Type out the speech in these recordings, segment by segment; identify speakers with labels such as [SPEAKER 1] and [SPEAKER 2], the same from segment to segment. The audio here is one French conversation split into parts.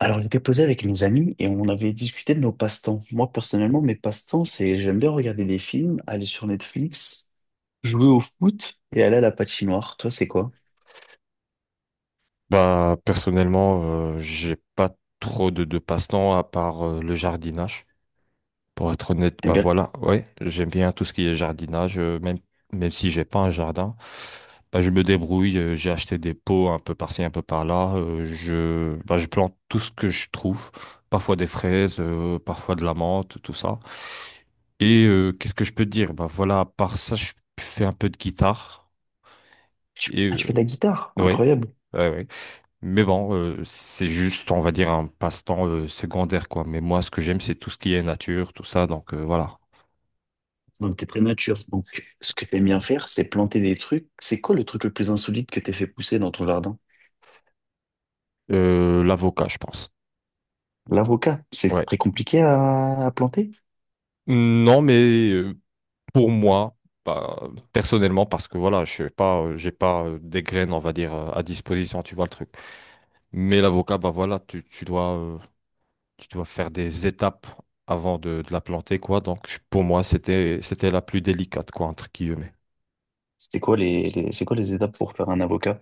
[SPEAKER 1] Alors, j'étais posé avec mes amis et on avait discuté de nos passe-temps. Moi, personnellement, mes passe-temps, c'est j'aime bien regarder des films, aller sur Netflix, jouer au foot et aller à la patinoire. Toi, c'est quoi?
[SPEAKER 2] Bah, personnellement, j'ai pas trop de passe-temps à part le jardinage. Pour être honnête,
[SPEAKER 1] T'aimes
[SPEAKER 2] bah
[SPEAKER 1] bien...
[SPEAKER 2] voilà, ouais, j'aime bien tout ce qui est jardinage, même, même si j'ai pas un jardin, bah je me débrouille, j'ai acheté des pots un peu par-ci, un peu par-là, bah je plante tout ce que je trouve, parfois des fraises, parfois de la menthe, tout ça. Et qu'est-ce que je peux te dire? Bah voilà, à part ça, je fais un peu de guitare, et
[SPEAKER 1] Ah, tu fais de la guitare,
[SPEAKER 2] ouais,
[SPEAKER 1] incroyable.
[SPEAKER 2] ouais. Mais bon, c'est juste, on va dire, un passe-temps secondaire, quoi. Mais moi, ce que j'aime, c'est tout ce qui est nature, tout ça, donc voilà.
[SPEAKER 1] Donc, t'es très nature. Donc, ce que t'aimes bien faire, c'est planter des trucs. C'est quoi le truc le plus insolite que t'aies fait pousser dans ton jardin?
[SPEAKER 2] L'avocat, je pense.
[SPEAKER 1] L'avocat, c'est
[SPEAKER 2] Ouais.
[SPEAKER 1] très compliqué à planter.
[SPEAKER 2] Non, mais pour moi, bah, personnellement, parce que voilà, je sais pas, j'ai pas des graines, on va dire, à disposition, tu vois le truc. Mais l'avocat, bah voilà, tu dois, tu dois faire des étapes avant de la planter, quoi. Donc, pour moi, c'était la plus délicate, quoi, entre guillemets.
[SPEAKER 1] C'était quoi les, c'est quoi les étapes pour faire un avocat?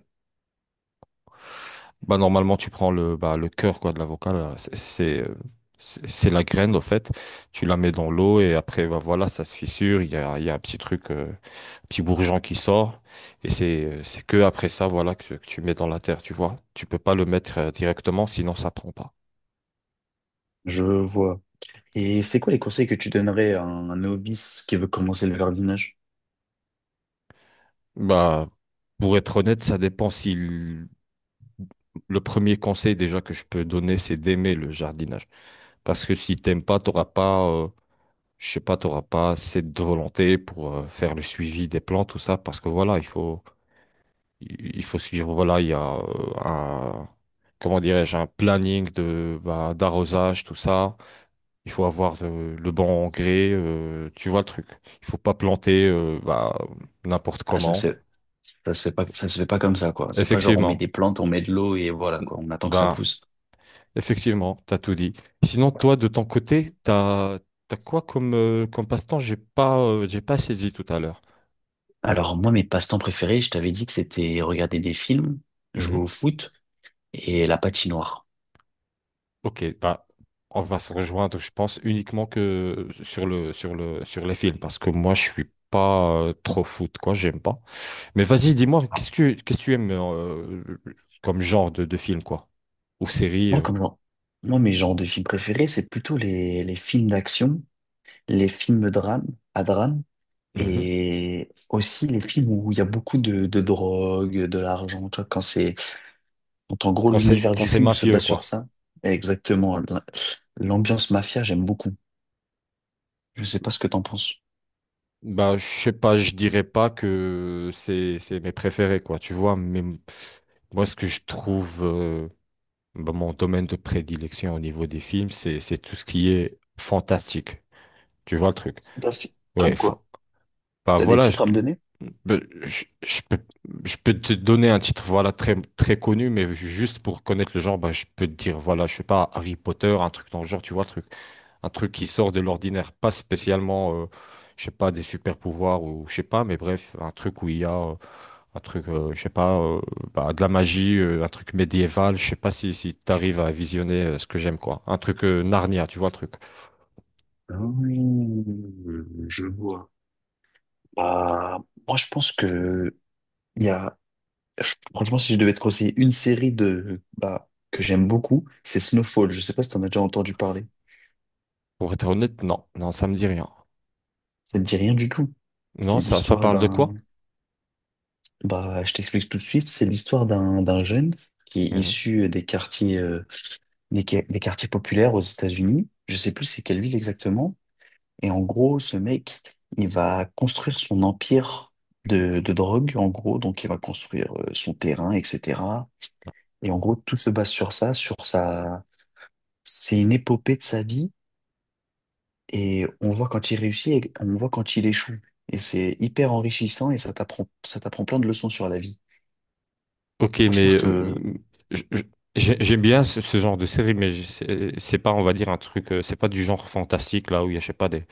[SPEAKER 2] Bah, normalement, tu prends le, bah, le cœur, quoi, de l'avocat, là. C'est c'est la graine, au fait. Tu la mets dans l'eau et après, bah voilà, ça se fissure. Il y a un petit truc. Petit bourgeon qui sort. Et c'est que après ça, voilà, que tu mets dans la terre, tu vois. Tu peux pas le mettre directement, sinon ça prend pas.
[SPEAKER 1] Je vois. Et c'est quoi les conseils que tu donnerais à un novice qui veut commencer le jardinage?
[SPEAKER 2] Bah, pour être honnête, ça dépend si l- le premier conseil déjà que je peux donner, c'est d'aimer le jardinage. Parce que si t'aimes pas, t'auras pas, je sais pas, t'auras pas assez de volonté pour faire le suivi des plantes, tout ça. Parce que voilà, il faut, il faut suivre, voilà, il y a comment dirais-je, un planning de, bah, d'arrosage, tout ça. Il faut avoir le bon engrais, tu vois le truc. Il faut pas planter n'importe
[SPEAKER 1] Ah,
[SPEAKER 2] comment.
[SPEAKER 1] ça se fait pas, ça se fait pas comme ça, quoi. C'est pas genre on met
[SPEAKER 2] Effectivement.
[SPEAKER 1] des plantes, on met de l'eau et voilà, quoi. On attend que ça
[SPEAKER 2] Bah,
[SPEAKER 1] pousse.
[SPEAKER 2] effectivement, t'as tout dit. Sinon, toi, de ton côté, t'as quoi comme, comme passe-temps? J'ai pas saisi tout à l'heure.
[SPEAKER 1] Alors, moi, mes passe-temps préférés, je t'avais dit que c'était regarder des films, jouer au foot et la patinoire.
[SPEAKER 2] Ok, bah, on va se rejoindre, je pense, uniquement que sur les films, parce que moi, je suis pas trop foot, quoi, j'aime pas. Mais vas-y, dis-moi,
[SPEAKER 1] Alors,
[SPEAKER 2] qu'est-ce que tu aimes comme genre de film, quoi, ou série
[SPEAKER 1] moi, comme genre, moi, mes genres de films préférés, c'est plutôt les films d'action, les films drame, à drame
[SPEAKER 2] mhm.
[SPEAKER 1] et aussi les films où il y a beaucoup de drogue, de l'argent, tu vois, quand c'est, quand en gros,
[SPEAKER 2] Quand
[SPEAKER 1] l'univers
[SPEAKER 2] quand
[SPEAKER 1] du
[SPEAKER 2] c'est
[SPEAKER 1] film se
[SPEAKER 2] mafieux,
[SPEAKER 1] base sur
[SPEAKER 2] quoi.
[SPEAKER 1] ça. Exactement. L'ambiance mafia, j'aime beaucoup. Je sais pas ce que t'en penses.
[SPEAKER 2] Bah, je sais pas, je dirais pas que c'est mes préférés, quoi, tu vois, mais moi, ce que je trouve, bah, mon domaine de prédilection au niveau des films, c'est tout ce qui est fantastique, tu vois le truc.
[SPEAKER 1] Fantastique.
[SPEAKER 2] Ouais,
[SPEAKER 1] Comme
[SPEAKER 2] fa-
[SPEAKER 1] quoi?
[SPEAKER 2] Bah
[SPEAKER 1] T'as des
[SPEAKER 2] voilà,
[SPEAKER 1] titres à me donner?
[SPEAKER 2] bah, je, je peux, je peux te donner un titre voilà très très connu, mais juste pour connaître le genre, bah, je peux te dire voilà, je sais pas Harry Potter, un truc dans le genre, tu vois, le truc, un truc qui sort de l'ordinaire, pas spécialement, je sais pas des super pouvoirs ou je sais pas, mais bref, un truc où il y a je sais pas, bah, de la magie, un truc médiéval, je sais pas si t'arrives à visionner ce que j'aime quoi, un truc Narnia, tu vois le truc.
[SPEAKER 1] Mmh, je vois. Bah, moi, je pense que il y a, franchement, si je devais te conseiller une série de, bah, que j'aime beaucoup, c'est Snowfall. Je sais pas si t'en as déjà entendu parler.
[SPEAKER 2] Pour être honnête, non, ça me dit rien.
[SPEAKER 1] Ça te dit rien du tout.
[SPEAKER 2] Non,
[SPEAKER 1] C'est
[SPEAKER 2] ça
[SPEAKER 1] l'histoire
[SPEAKER 2] parle de quoi?
[SPEAKER 1] d'un, bah, je t'explique tout de suite. C'est l'histoire d'un, d'un jeune qui est issu des quartiers, des, des quartiers populaires aux États-Unis. Je sais plus c'est quelle ville exactement. Et en gros, ce mec, il va construire son empire de drogue, en gros. Donc, il va construire son terrain, etc. Et en gros, tout se base sur ça, sur sa... C'est une épopée de sa vie. Et on voit quand il réussit et on voit quand il échoue. Et c'est hyper enrichissant et ça t'apprend plein de leçons sur la vie.
[SPEAKER 2] Ok,
[SPEAKER 1] Franchement,
[SPEAKER 2] mais
[SPEAKER 1] je te...
[SPEAKER 2] je- je- j'aime bien ce, ce genre de série, c'est pas, on va dire, un truc, c'est pas du genre fantastique là où il y a, je sais pas, des.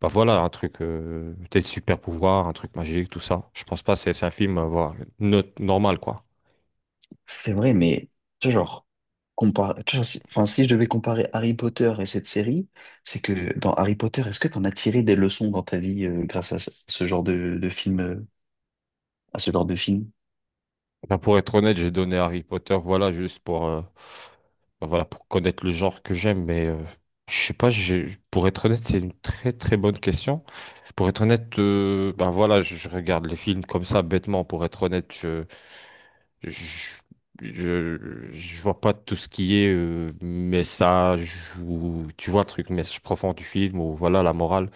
[SPEAKER 2] Bah voilà, un truc, être super pouvoirs, un truc magique, tout ça. Je pense pas, c'est un film, voilà, normal quoi.
[SPEAKER 1] C'est vrai, mais ce genre, tu vois, enfin, si je devais comparer Harry Potter et cette série, c'est que dans Harry Potter, est-ce que tu en as tiré des leçons dans ta vie grâce à ce genre de film, à ce genre de film?
[SPEAKER 2] Bah, pour être honnête, j'ai donné Harry Potter, voilà, juste pour, bah, voilà, pour connaître le genre que j'aime, mais je sais pas, pour être honnête, c'est une très très bonne question. Pour être honnête, ben voilà, je regarde les films comme ça, bêtement. Pour être honnête, je, je, je vois pas tout ce qui est message ou tu vois le truc, message profond du film ou voilà la morale.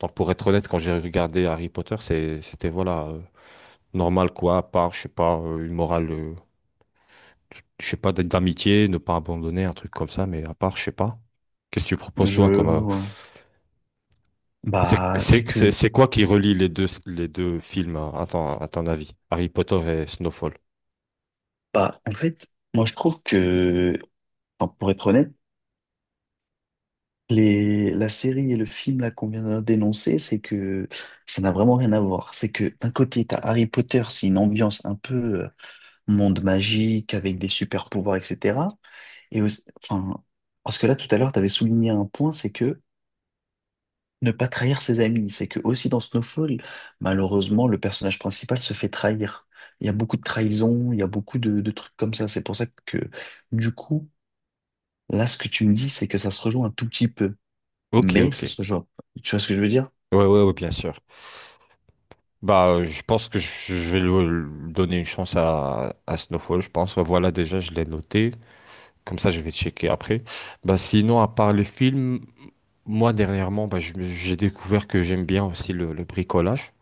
[SPEAKER 2] Donc pour être honnête, quand j'ai regardé Harry Potter, c'était voilà normal quoi, à part je sais pas une morale, je sais pas d'amitié, ne pas abandonner, un truc comme ça, mais à part je sais pas. Qu'est-ce que tu proposes
[SPEAKER 1] Je
[SPEAKER 2] toi comme
[SPEAKER 1] vois.
[SPEAKER 2] c'est
[SPEAKER 1] Bah, c'est que,
[SPEAKER 2] c'est quoi qui relie les deux films hein, à à ton avis? Harry Potter et Snowfall.
[SPEAKER 1] bah, en fait, moi je trouve que, enfin, pour être honnête, les, la série et le film là qu'on vient de d'énoncer, c'est que ça n'a vraiment rien à voir. C'est que d'un côté, t'as Harry Potter, c'est une ambiance un peu euh, monde magique avec des super pouvoirs, etc. Enfin, parce que là, tout à l'heure, tu avais souligné un point, c'est que ne pas trahir ses amis. C'est que aussi dans Snowfall, malheureusement, le personnage principal se fait trahir. Il y a beaucoup de trahison, il y a beaucoup de trucs comme ça. C'est pour ça que, du coup, là, ce que tu me dis, c'est que ça se rejoint un tout petit peu.
[SPEAKER 2] Ok,
[SPEAKER 1] Mais
[SPEAKER 2] ok.
[SPEAKER 1] ça se rejoint. Tu vois ce que je veux dire?
[SPEAKER 2] Ouais, bien sûr. Bah, je pense que je vais le donner une chance à Snowfall, je pense. Ouais, voilà, déjà, je l'ai noté. Comme ça, je vais checker après. Bah, sinon, à part les films, moi, dernièrement, bah, j'ai découvert que j'aime bien aussi le bricolage.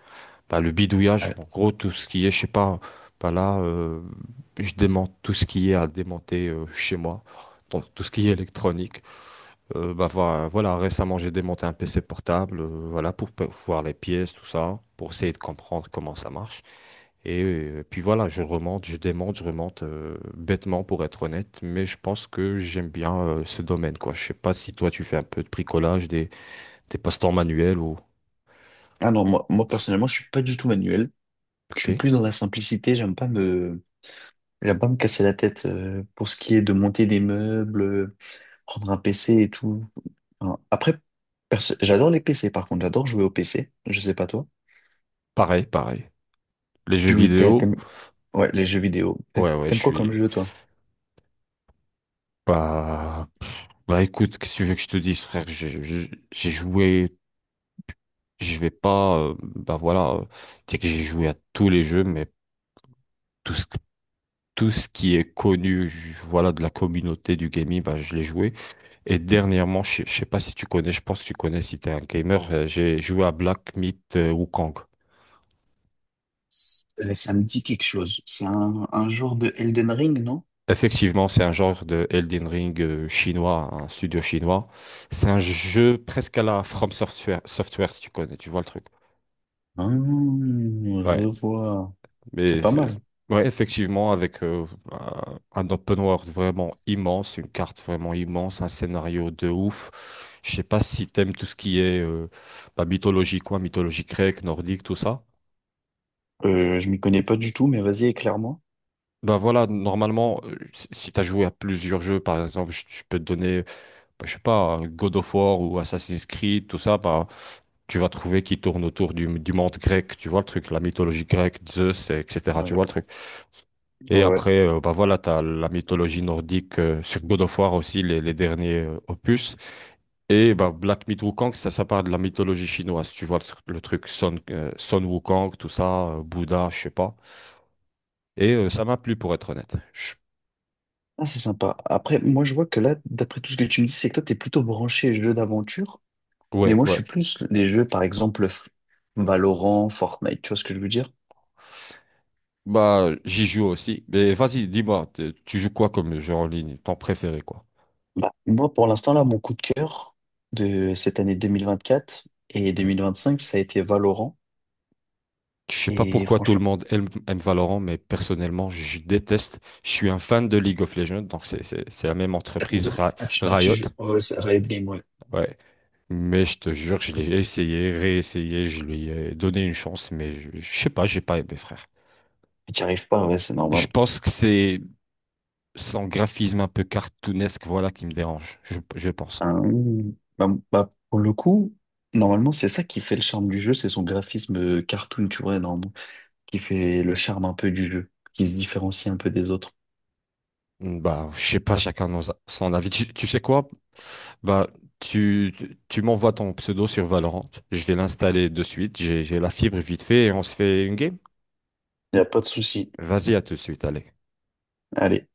[SPEAKER 2] Bah, le bidouillage,
[SPEAKER 1] Ouais.
[SPEAKER 2] en gros, tout ce qui est, je sais pas, bah là, je démonte tout ce qui est à démonter chez moi, donc tout ce qui est électronique. Voilà, récemment, j'ai démonté un PC portable, voilà, pour voir les pièces, tout ça, pour essayer de comprendre comment ça marche. Et puis voilà, je remonte, je remonte bêtement, pour être honnête, mais je pense que j'aime bien ce domaine, quoi. Je sais pas si toi, tu fais un peu de bricolage, des passe-temps manuels ou...
[SPEAKER 1] Ah non, moi, moi, personnellement, je suis pas du tout manuel. Je
[SPEAKER 2] Ok,
[SPEAKER 1] suis plus dans la simplicité. J'aime pas me casser la tête pour ce qui est de monter des meubles, prendre un PC et tout. Enfin, après, j'adore les PC par contre, j'adore jouer au PC. Je sais pas toi.
[SPEAKER 2] pareil, pareil. Les jeux
[SPEAKER 1] Tu joues- t'aimes,
[SPEAKER 2] vidéo.
[SPEAKER 1] t'aimes- ouais, les jeux vidéo.
[SPEAKER 2] Ouais, ouais, je
[SPEAKER 1] T'aimes quoi comme
[SPEAKER 2] suis.
[SPEAKER 1] jeu toi?
[SPEAKER 2] Bah, bah écoute, qu'est-ce que tu veux que je te dise, frère? J'ai joué, je vais pas. Dire que j'ai joué à tous les jeux, mais tout ce, tout ce qui est connu, voilà, de la communauté du gaming, bah je l'ai joué. Et dernièrement, je sais pas si tu connais, je pense que tu connais si t'es un gamer, j'ai joué à Black Myth Wukong.
[SPEAKER 1] Ça me dit quelque chose. C'est un genre de Elden Ring, non?
[SPEAKER 2] Effectivement, c'est un genre de Elden Ring chinois, un studio chinois. C'est un jeu presque à la From Software, Software, si tu connais, tu vois le truc.
[SPEAKER 1] Ah,
[SPEAKER 2] Ouais.
[SPEAKER 1] je vois. C'est
[SPEAKER 2] Mais
[SPEAKER 1] pas
[SPEAKER 2] c'est-
[SPEAKER 1] mal.
[SPEAKER 2] ouais, effectivement, avec un un open world vraiment immense, une carte vraiment immense, un scénario de ouf. Je sais pas si t'aimes tout ce qui est bah, mythologie, quoi, mythologie grecque, nordique, tout ça.
[SPEAKER 1] Je m'y connais pas du tout, mais vas-y, éclaire-moi.
[SPEAKER 2] Bah voilà, normalement, si si t'as joué à plusieurs jeux, par exemple, je peux te donner, bah, je sais pas, un God of War ou Assassin's Creed, tout ça, bah tu vas trouver qui tourne autour du monde grec, tu vois le truc, la mythologie grecque, Zeus, etc. Tu
[SPEAKER 1] Ouais.
[SPEAKER 2] vois le truc. Et
[SPEAKER 1] Ouais.
[SPEAKER 2] après, bah voilà, t'as la mythologie nordique sur God of War aussi, les derniers opus. Et bah, Black Myth Wukong, ça part de la mythologie chinoise. Tu vois le truc Son, Son Wukong, tout ça, Bouddha, je sais pas. Et ça m'a plu pour être honnête. Je-
[SPEAKER 1] Ah, c'est sympa. Après, moi, je vois que là, d'après tout ce que tu me dis, c'est que toi, t'es plutôt branché jeu d'aventure. Mais
[SPEAKER 2] Ouais,
[SPEAKER 1] moi, je suis
[SPEAKER 2] ouais.
[SPEAKER 1] plus les jeux, par exemple, Valorant, Fortnite, tu vois ce que je veux dire?
[SPEAKER 2] Bah, j'y joue aussi. Mais vas-y, dis-moi, tu joues quoi comme jeu en ligne? Ton préféré, quoi?
[SPEAKER 1] Bah, moi, pour l'instant, là, mon coup de cœur de cette année 2024 et
[SPEAKER 2] Hmm.
[SPEAKER 1] 2025, ça a été Valorant.
[SPEAKER 2] Je sais pas
[SPEAKER 1] Et
[SPEAKER 2] pourquoi tout le
[SPEAKER 1] franchement,
[SPEAKER 2] monde aime Valorant, mais personnellement, je déteste. Je suis un fan de League of Legends, donc c'est la même entreprise
[SPEAKER 1] j'adore. Ah, tu
[SPEAKER 2] Riot.
[SPEAKER 1] joues. Oh, ouais, c'est Riot Games, ouais.
[SPEAKER 2] Ouais. Mais je te jure, je l'ai essayé, réessayé, je lui ai donné une chance, mais je sais pas, j'ai pas aimé, frère.
[SPEAKER 1] Tu n'y arrives pas, ouais, c'est
[SPEAKER 2] Je
[SPEAKER 1] normal.
[SPEAKER 2] pense que c'est son graphisme un peu cartoonesque, voilà, qui me dérange, je pense.
[SPEAKER 1] Hein, bah, bah, pour le coup, normalement, c'est ça qui fait le charme du jeu, c'est son graphisme cartoon, tu vois, normalement, qui fait le charme un peu du jeu, qui se différencie un peu des autres.
[SPEAKER 2] Bah, je sais pas, son avis. Tu sais quoi? Bah, tu m'envoies ton pseudo sur Valorant. Je vais l'installer de suite. J'ai la fibre vite fait et on se fait une game.
[SPEAKER 1] Il n'y a pas de souci.
[SPEAKER 2] Vas-y, à tout de suite, allez.
[SPEAKER 1] Allez.